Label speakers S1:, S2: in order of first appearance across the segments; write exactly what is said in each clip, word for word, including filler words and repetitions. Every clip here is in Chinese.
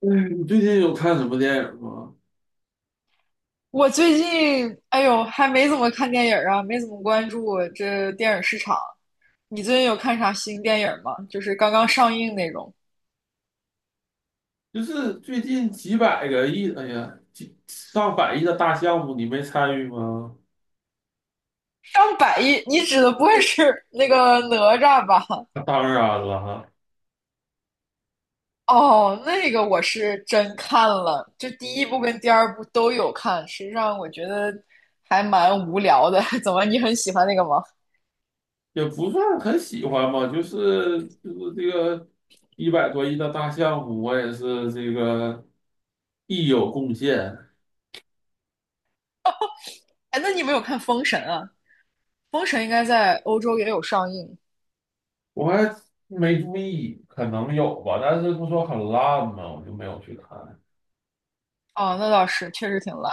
S1: 嗯，你最近有看什么电影吗？
S2: 我最近，哎呦，还没怎么看电影儿啊，没怎么关注这电影市场。你最近有看啥新电影吗？就是刚刚上映那种，
S1: 就是最近几百个亿，哎呀，几上百亿的大项目，你没参与吗？
S2: 上百亿。你指的不会是 那个哪吒吧？
S1: 那当然了，哈，
S2: 哦，那个我是真看了，这第一部跟第二部都有看。实际上，我觉得还蛮无聊的。怎么，你很喜欢那个吗？
S1: 也不算很喜欢吧，就是就是这个一百多亿的大项目，我也是这个一有贡献。
S2: 哎，那你没有看《封神》啊？《封神》应该在欧洲也有上映。
S1: 我还没注意，可能有吧，但是不说很烂嘛，我就没有去看。
S2: 哦，那倒是，确实挺烂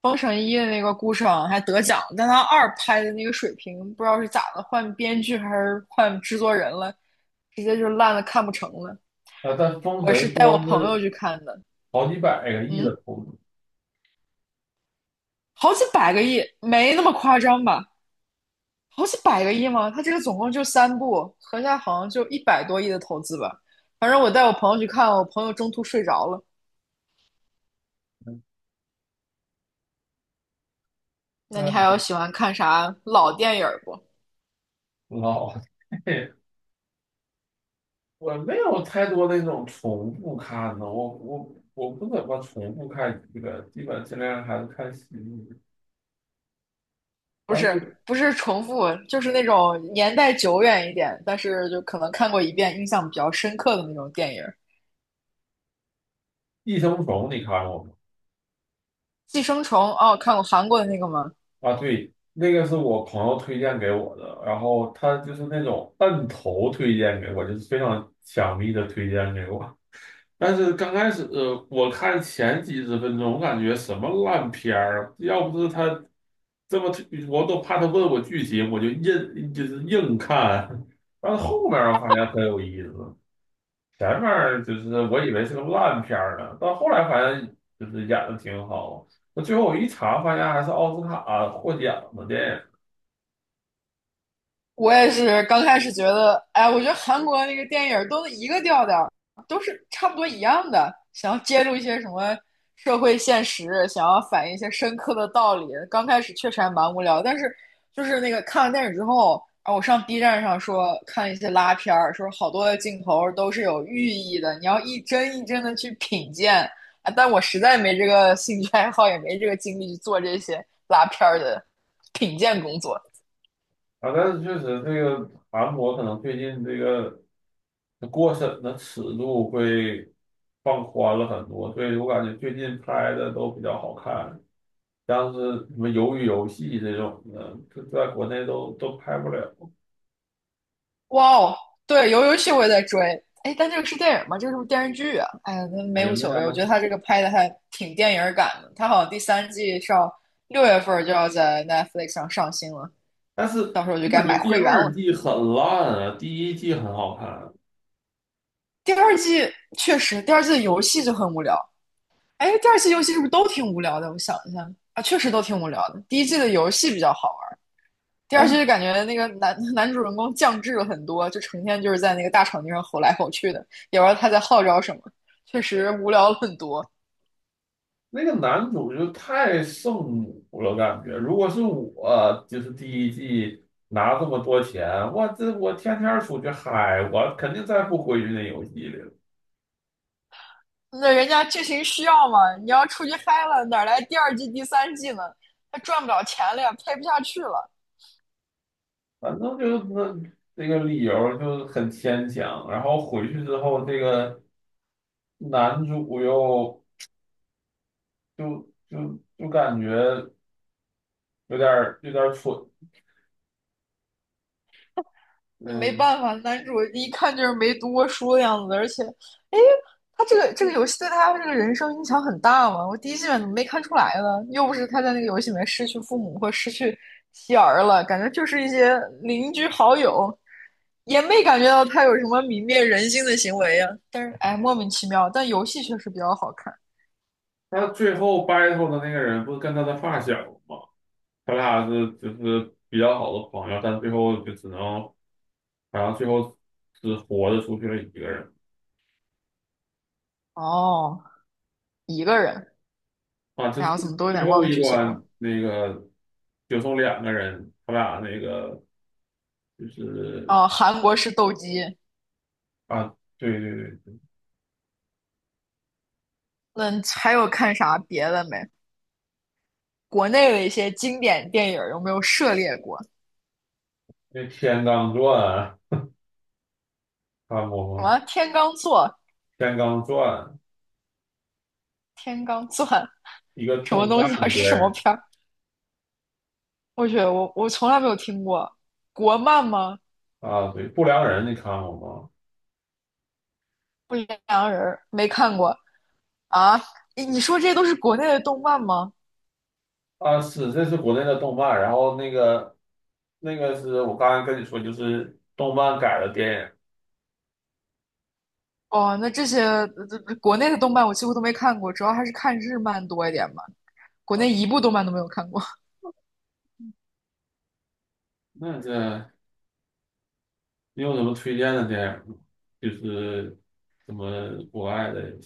S2: 封神一》的那个顾晟还得奖，但他二拍的那个水平不知道是咋的，换编剧还是换制作人了，直接就烂的看不成了。
S1: 啊，但封
S2: 我是
S1: 神
S2: 带我
S1: 说
S2: 朋友
S1: 是
S2: 去看的，
S1: 好几百个亿
S2: 嗯，
S1: 的投资。
S2: 好几百个亿，没那么夸张吧？好几百个亿吗？他这个总共就三部，合下好像就一百多亿的投资吧。反正我带我朋友去看，我朋友中途睡着了。那你还有
S1: 那
S2: 喜欢看啥老电影不？
S1: 老 我没有太多的那种重复看的，我我我不怎么重复看这个，基本尽量还是看喜剧。
S2: 不
S1: 但
S2: 是
S1: 是
S2: 不是重复，就是那种年代久远一点，但是就可能看过一遍，印象比较深刻的那种电影
S1: 《寄生虫》你看过吗？
S2: 寄生虫，哦，看过韩国的那个吗？
S1: 啊，对，那个是我朋友推荐给我的，然后他就是那种摁头推荐给我，就是非常强力的推荐给我。但是刚开始，呃我看前几十分钟，我感觉什么烂片儿啊，要不是他这么，我都怕他问我剧情，我就硬，就是硬看。但是后面儿我发现很有意思，前面儿就是我以为是个烂片儿呢，到后来发现就是演的挺好。那最后我一查，发现还是奥斯卡获奖的电影。
S2: 我也是刚开始觉得，哎，我觉得韩国那个电影都是一个调调，都是差不多一样的，想要揭露一些什么社会现实，想要反映一些深刻的道理。刚开始确实还蛮无聊，但是就是那个看完电影之后，啊，我上 B 站上说看一些拉片儿，说好多的镜头都是有寓意的，你要一帧一帧的去品鉴。啊，但我实在没这个兴趣爱好，也没这个精力去做这些拉片儿的品鉴工作。
S1: 啊，但是确实这个韩国可能最近这个，那过审的尺度会放宽了很多，所以我感觉最近拍的都比较好看，像是什么《鱿鱼游戏》这种的，这在国内都都拍不了，
S2: 哇哦，对，游游戏我也在追。哎，但这个是电影吗？这个是不是电视剧啊？哎呀，那没
S1: 也
S2: 无
S1: 没
S2: 所谓。我觉
S1: 啥。
S2: 得他这个拍的还挺电影感的。他好像第三季上六月份就要在 Netflix 上上新了，
S1: 但是
S2: 到时候我就
S1: 我
S2: 该
S1: 感觉
S2: 买
S1: 第
S2: 会员
S1: 二
S2: 了。
S1: 季很烂啊，第一季很好看，
S2: 第二季确实，第二季的游戏就很无聊。哎，第二季游戏是不是都挺无聊的？我想一下啊，确实都挺无聊的。第一季的游戏比较好玩。第
S1: 但
S2: 二季
S1: 是
S2: 就感觉那个男 男主人公降智了很多，就成天就是在那个大场地上吼来吼去的，也不知道他在号召什么，确实无聊了很多。
S1: 那个男主就太圣母了，感觉如果是我，就是第一季拿这么多钱，我这我天天出去嗨，我肯定再不回去那游戏里了。
S2: 那人家剧情需要嘛，你要出去嗨了，哪来第二季、第三季呢？他赚不了钱了呀，拍不下去了。
S1: 反正就是那，这个理由就很牵强。然后回去之后，这个男主又就就就感觉有点儿有点儿蠢。
S2: 没
S1: 嗯，
S2: 办法，男主一看就是没读过书的样子，而且，哎，他这个这个游戏对他这个人生影响很大嘛。我第一季怎么没看出来呢？又不是他在那个游戏里面失去父母或失去妻儿了，感觉就是一些邻居好友，也没感觉到他有什么泯灭人性的行为呀、但是，哎，莫名其妙，但游戏确实比较好看。
S1: 他最后 battle 的那个人不是跟他的发小吗？他俩是就是比较好的朋友，但最后就只能，然后最后只活着出去了一个人。
S2: 哦，一个人，
S1: 啊，就
S2: 哎
S1: 是
S2: 呀，我怎么都有
S1: 最
S2: 点
S1: 后
S2: 忘
S1: 一
S2: 剧情了。
S1: 关那个就剩两个人，他俩那个就是。
S2: 哦，韩国是斗鸡。
S1: 啊，对对对，
S2: 那还有看啥别的没？国内的一些经典电影有没有涉猎过？
S1: 那《天罡传》看过
S2: 什
S1: 吗？
S2: 么天罡座、
S1: 《天罡传》
S2: 天罡钻
S1: 一个
S2: 什么
S1: 动
S2: 东
S1: 漫
S2: 西啊？
S1: 的
S2: 是
S1: 电
S2: 什么
S1: 影。
S2: 片儿？我去，我我从来没有听过。国漫吗？
S1: 啊，对，《不良人》你看过吗？
S2: 不良人没看过啊？你你说这都是国内的动漫吗？
S1: 啊，是，这是国内的动漫，然后那个那个是我刚才跟你说，就是动漫改的电影。
S2: 哦，那这些呃国内的动漫我几乎都没看过，主要还是看日漫多一点吧。国内一
S1: 啊，
S2: 部动漫都没有看过。
S1: 那这，你有什么推荐的电影吗？就是什么国外的？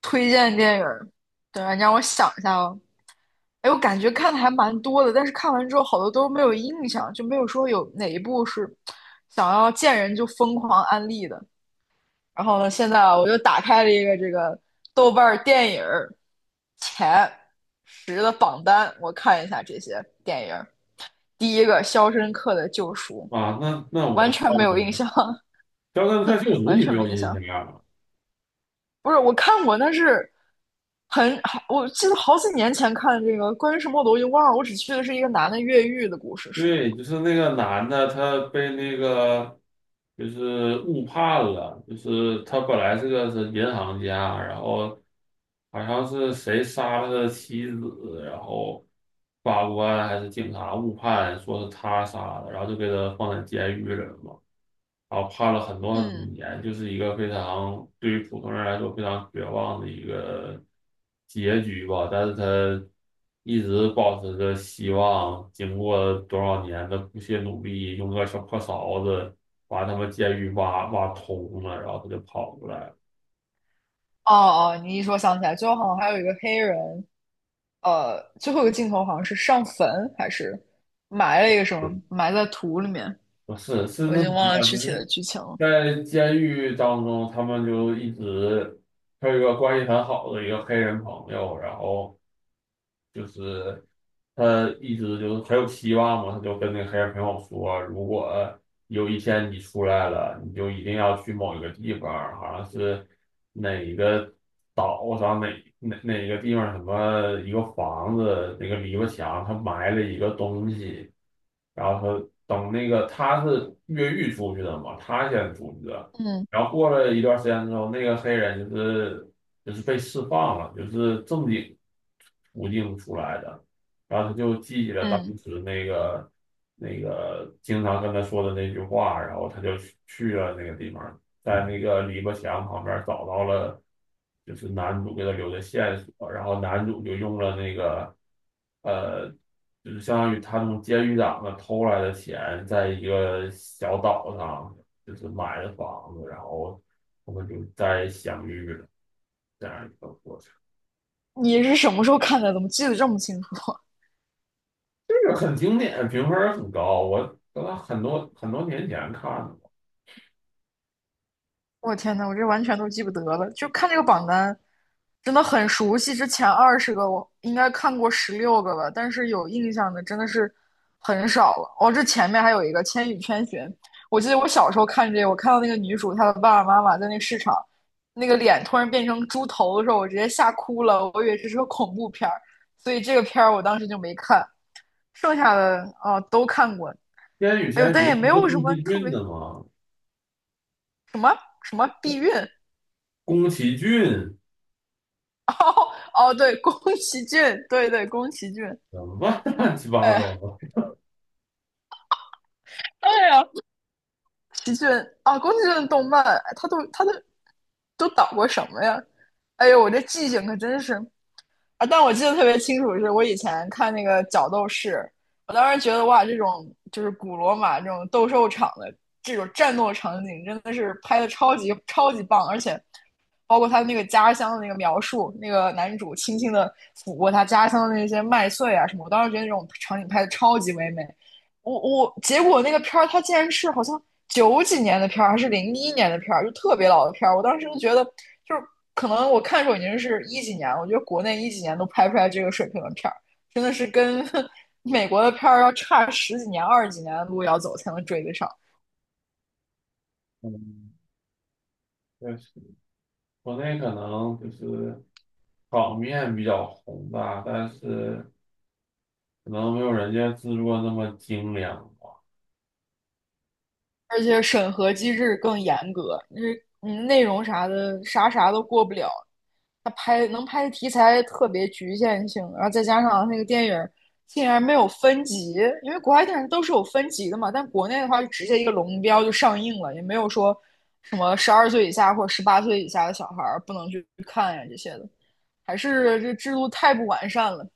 S2: 推荐电影儿，等下你让我想一下哦。哎，我感觉看的还蛮多的，但是看完之后好多都没有印象，就没有说有哪一部是想要见人就疯狂安利的。然后呢，现在啊，我又打开了一个这个豆瓣儿电影儿前十的榜单，我看一下这些电影儿。第一个《肖申克的救赎》，
S1: 啊？那那我
S2: 完
S1: 看
S2: 全没
S1: 过
S2: 有印
S1: 了，
S2: 象，
S1: 《肖申克救赎》
S2: 完
S1: 你
S2: 全
S1: 没有
S2: 没印
S1: 印
S2: 象。
S1: 象啊？
S2: 不是，我看过，但是很，好，我记得好几年前看这个，关于什么我都已经忘了。我只记得是一个男的越狱的故事，是吗？
S1: 对，就是那个男的，他被那个就是误判了，就是他本来是个是银行家，然后好像是谁杀了他的妻子，然后法官还是警察误判，说是他杀的，然后就给他放在监狱里了嘛。然后判了很多很多
S2: 嗯，
S1: 年，就是一个非常对于普通人来说非常绝望的一个结局吧。但是他一直保持着希望，经过多少年的不懈努力，用个小破勺子把他们监狱挖挖通了，然后他就跑出来了。
S2: 哦哦，你一说想起来，最后好像还有一个黑人，呃，最后一个镜头好像是上坟还是埋了一个什么，埋在土里面，
S1: 不是，是
S2: 我已
S1: 那什
S2: 经忘
S1: 么，
S2: 了具
S1: 就
S2: 体的
S1: 是
S2: 剧情了。
S1: 在监狱当中，他们就一直，他有一个关系很好的一个黑人朋友，然后。就是他一直就是很有希望嘛，他就跟那个黑人朋友说，如果有一天你出来了，你就一定要去某一个地方，好像是哪一个岛上，哪哪哪个地方，什么一个房子那个篱笆墙，他埋了一个东西。然后他等那个，他是越狱出去的嘛，他先出去的。
S2: 嗯
S1: 然后过了一段时间之后，那个黑人就是就是被释放了，就是正经途径出来的，然后他就记起了当
S2: 嗯，
S1: 时那个那个经常跟他说的那句话，然后他就去去了那个地方，在那个篱笆墙旁边找到了就是男主给他留的线索，然后男主就用了那个，呃，就是相当于他从监狱长那偷来的钱，在一个小岛上就是买了房子，然后他们就再相遇了，这样一个过程。
S2: 你是什么时候看的？怎么记得这么清楚？
S1: 这个很经典，评分很高。我我很多很多年前看的嘛，
S2: 我天呐，我这完全都记不得了，就看这个榜单，真的很熟悉。之前二十个我应该看过十六个吧，但是有印象的真的是很少了。哦，这前面还有一个《千与千寻》，我记得我小时候看这个，我看到那个女主她的爸爸妈妈在那个市场，那个脸突然变成猪头的时候，我直接吓哭了，我以为这是个恐怖片儿，所以这个片儿我当时就没看。剩下的啊、哦都看过，
S1: 《烟雨
S2: 哎呦，
S1: 闲
S2: 但
S1: 鱼》
S2: 也没
S1: 不是
S2: 有什
S1: 宫
S2: 么
S1: 崎
S2: 特
S1: 骏
S2: 别
S1: 的吗？
S2: 什么避孕，
S1: 宫崎骏
S2: 哦，对，宫崎骏，对对，宫崎骏，
S1: 怎么办乱七八糟
S2: 哎，
S1: 的。
S2: 对呀，宫崎骏啊，宫崎骏的动漫，哎他都他都都导过什么呀？哎呦，我这记性可真是啊！但我记得特别清楚，是我以前看那个《角斗士》，我当时觉得哇，这种就是古罗马这种斗兽场的这种战斗场景，真的是拍的超级超级棒，而且包括他那个家乡的那个描述，那个男主轻轻的抚过他家乡的那些麦穗啊什么，我当时觉得那种场景拍的超级唯美。我我结果那个片儿，它竟然是好像九几年的片儿，还是零一年的片儿，就特别老的片儿。我当时就觉得，就是可能我看的时候已经是一几年了，我觉得国内一几年都拍不出来这个水平的片儿，真的是跟 美国的片儿要差十几年、二十几年的路要走才能追得上。
S1: 嗯，确实，国内可能就是场面比较宏大，但是可能没有人家制作那么精良吧。
S2: 而且审核机制更严格，那嗯内容啥的啥啥都过不了。他拍能拍的题材特别局限性，然后再加上那个电影儿竟然没有分级，因为国外电影都是有分级的嘛，但国内的话就直接一个龙标就上映了，也没有说什么十二岁以下或者十八岁以下的小孩儿不能去看呀这些的，还是这制度太不完善了。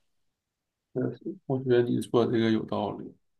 S1: 确实，我觉得你说这个有道理。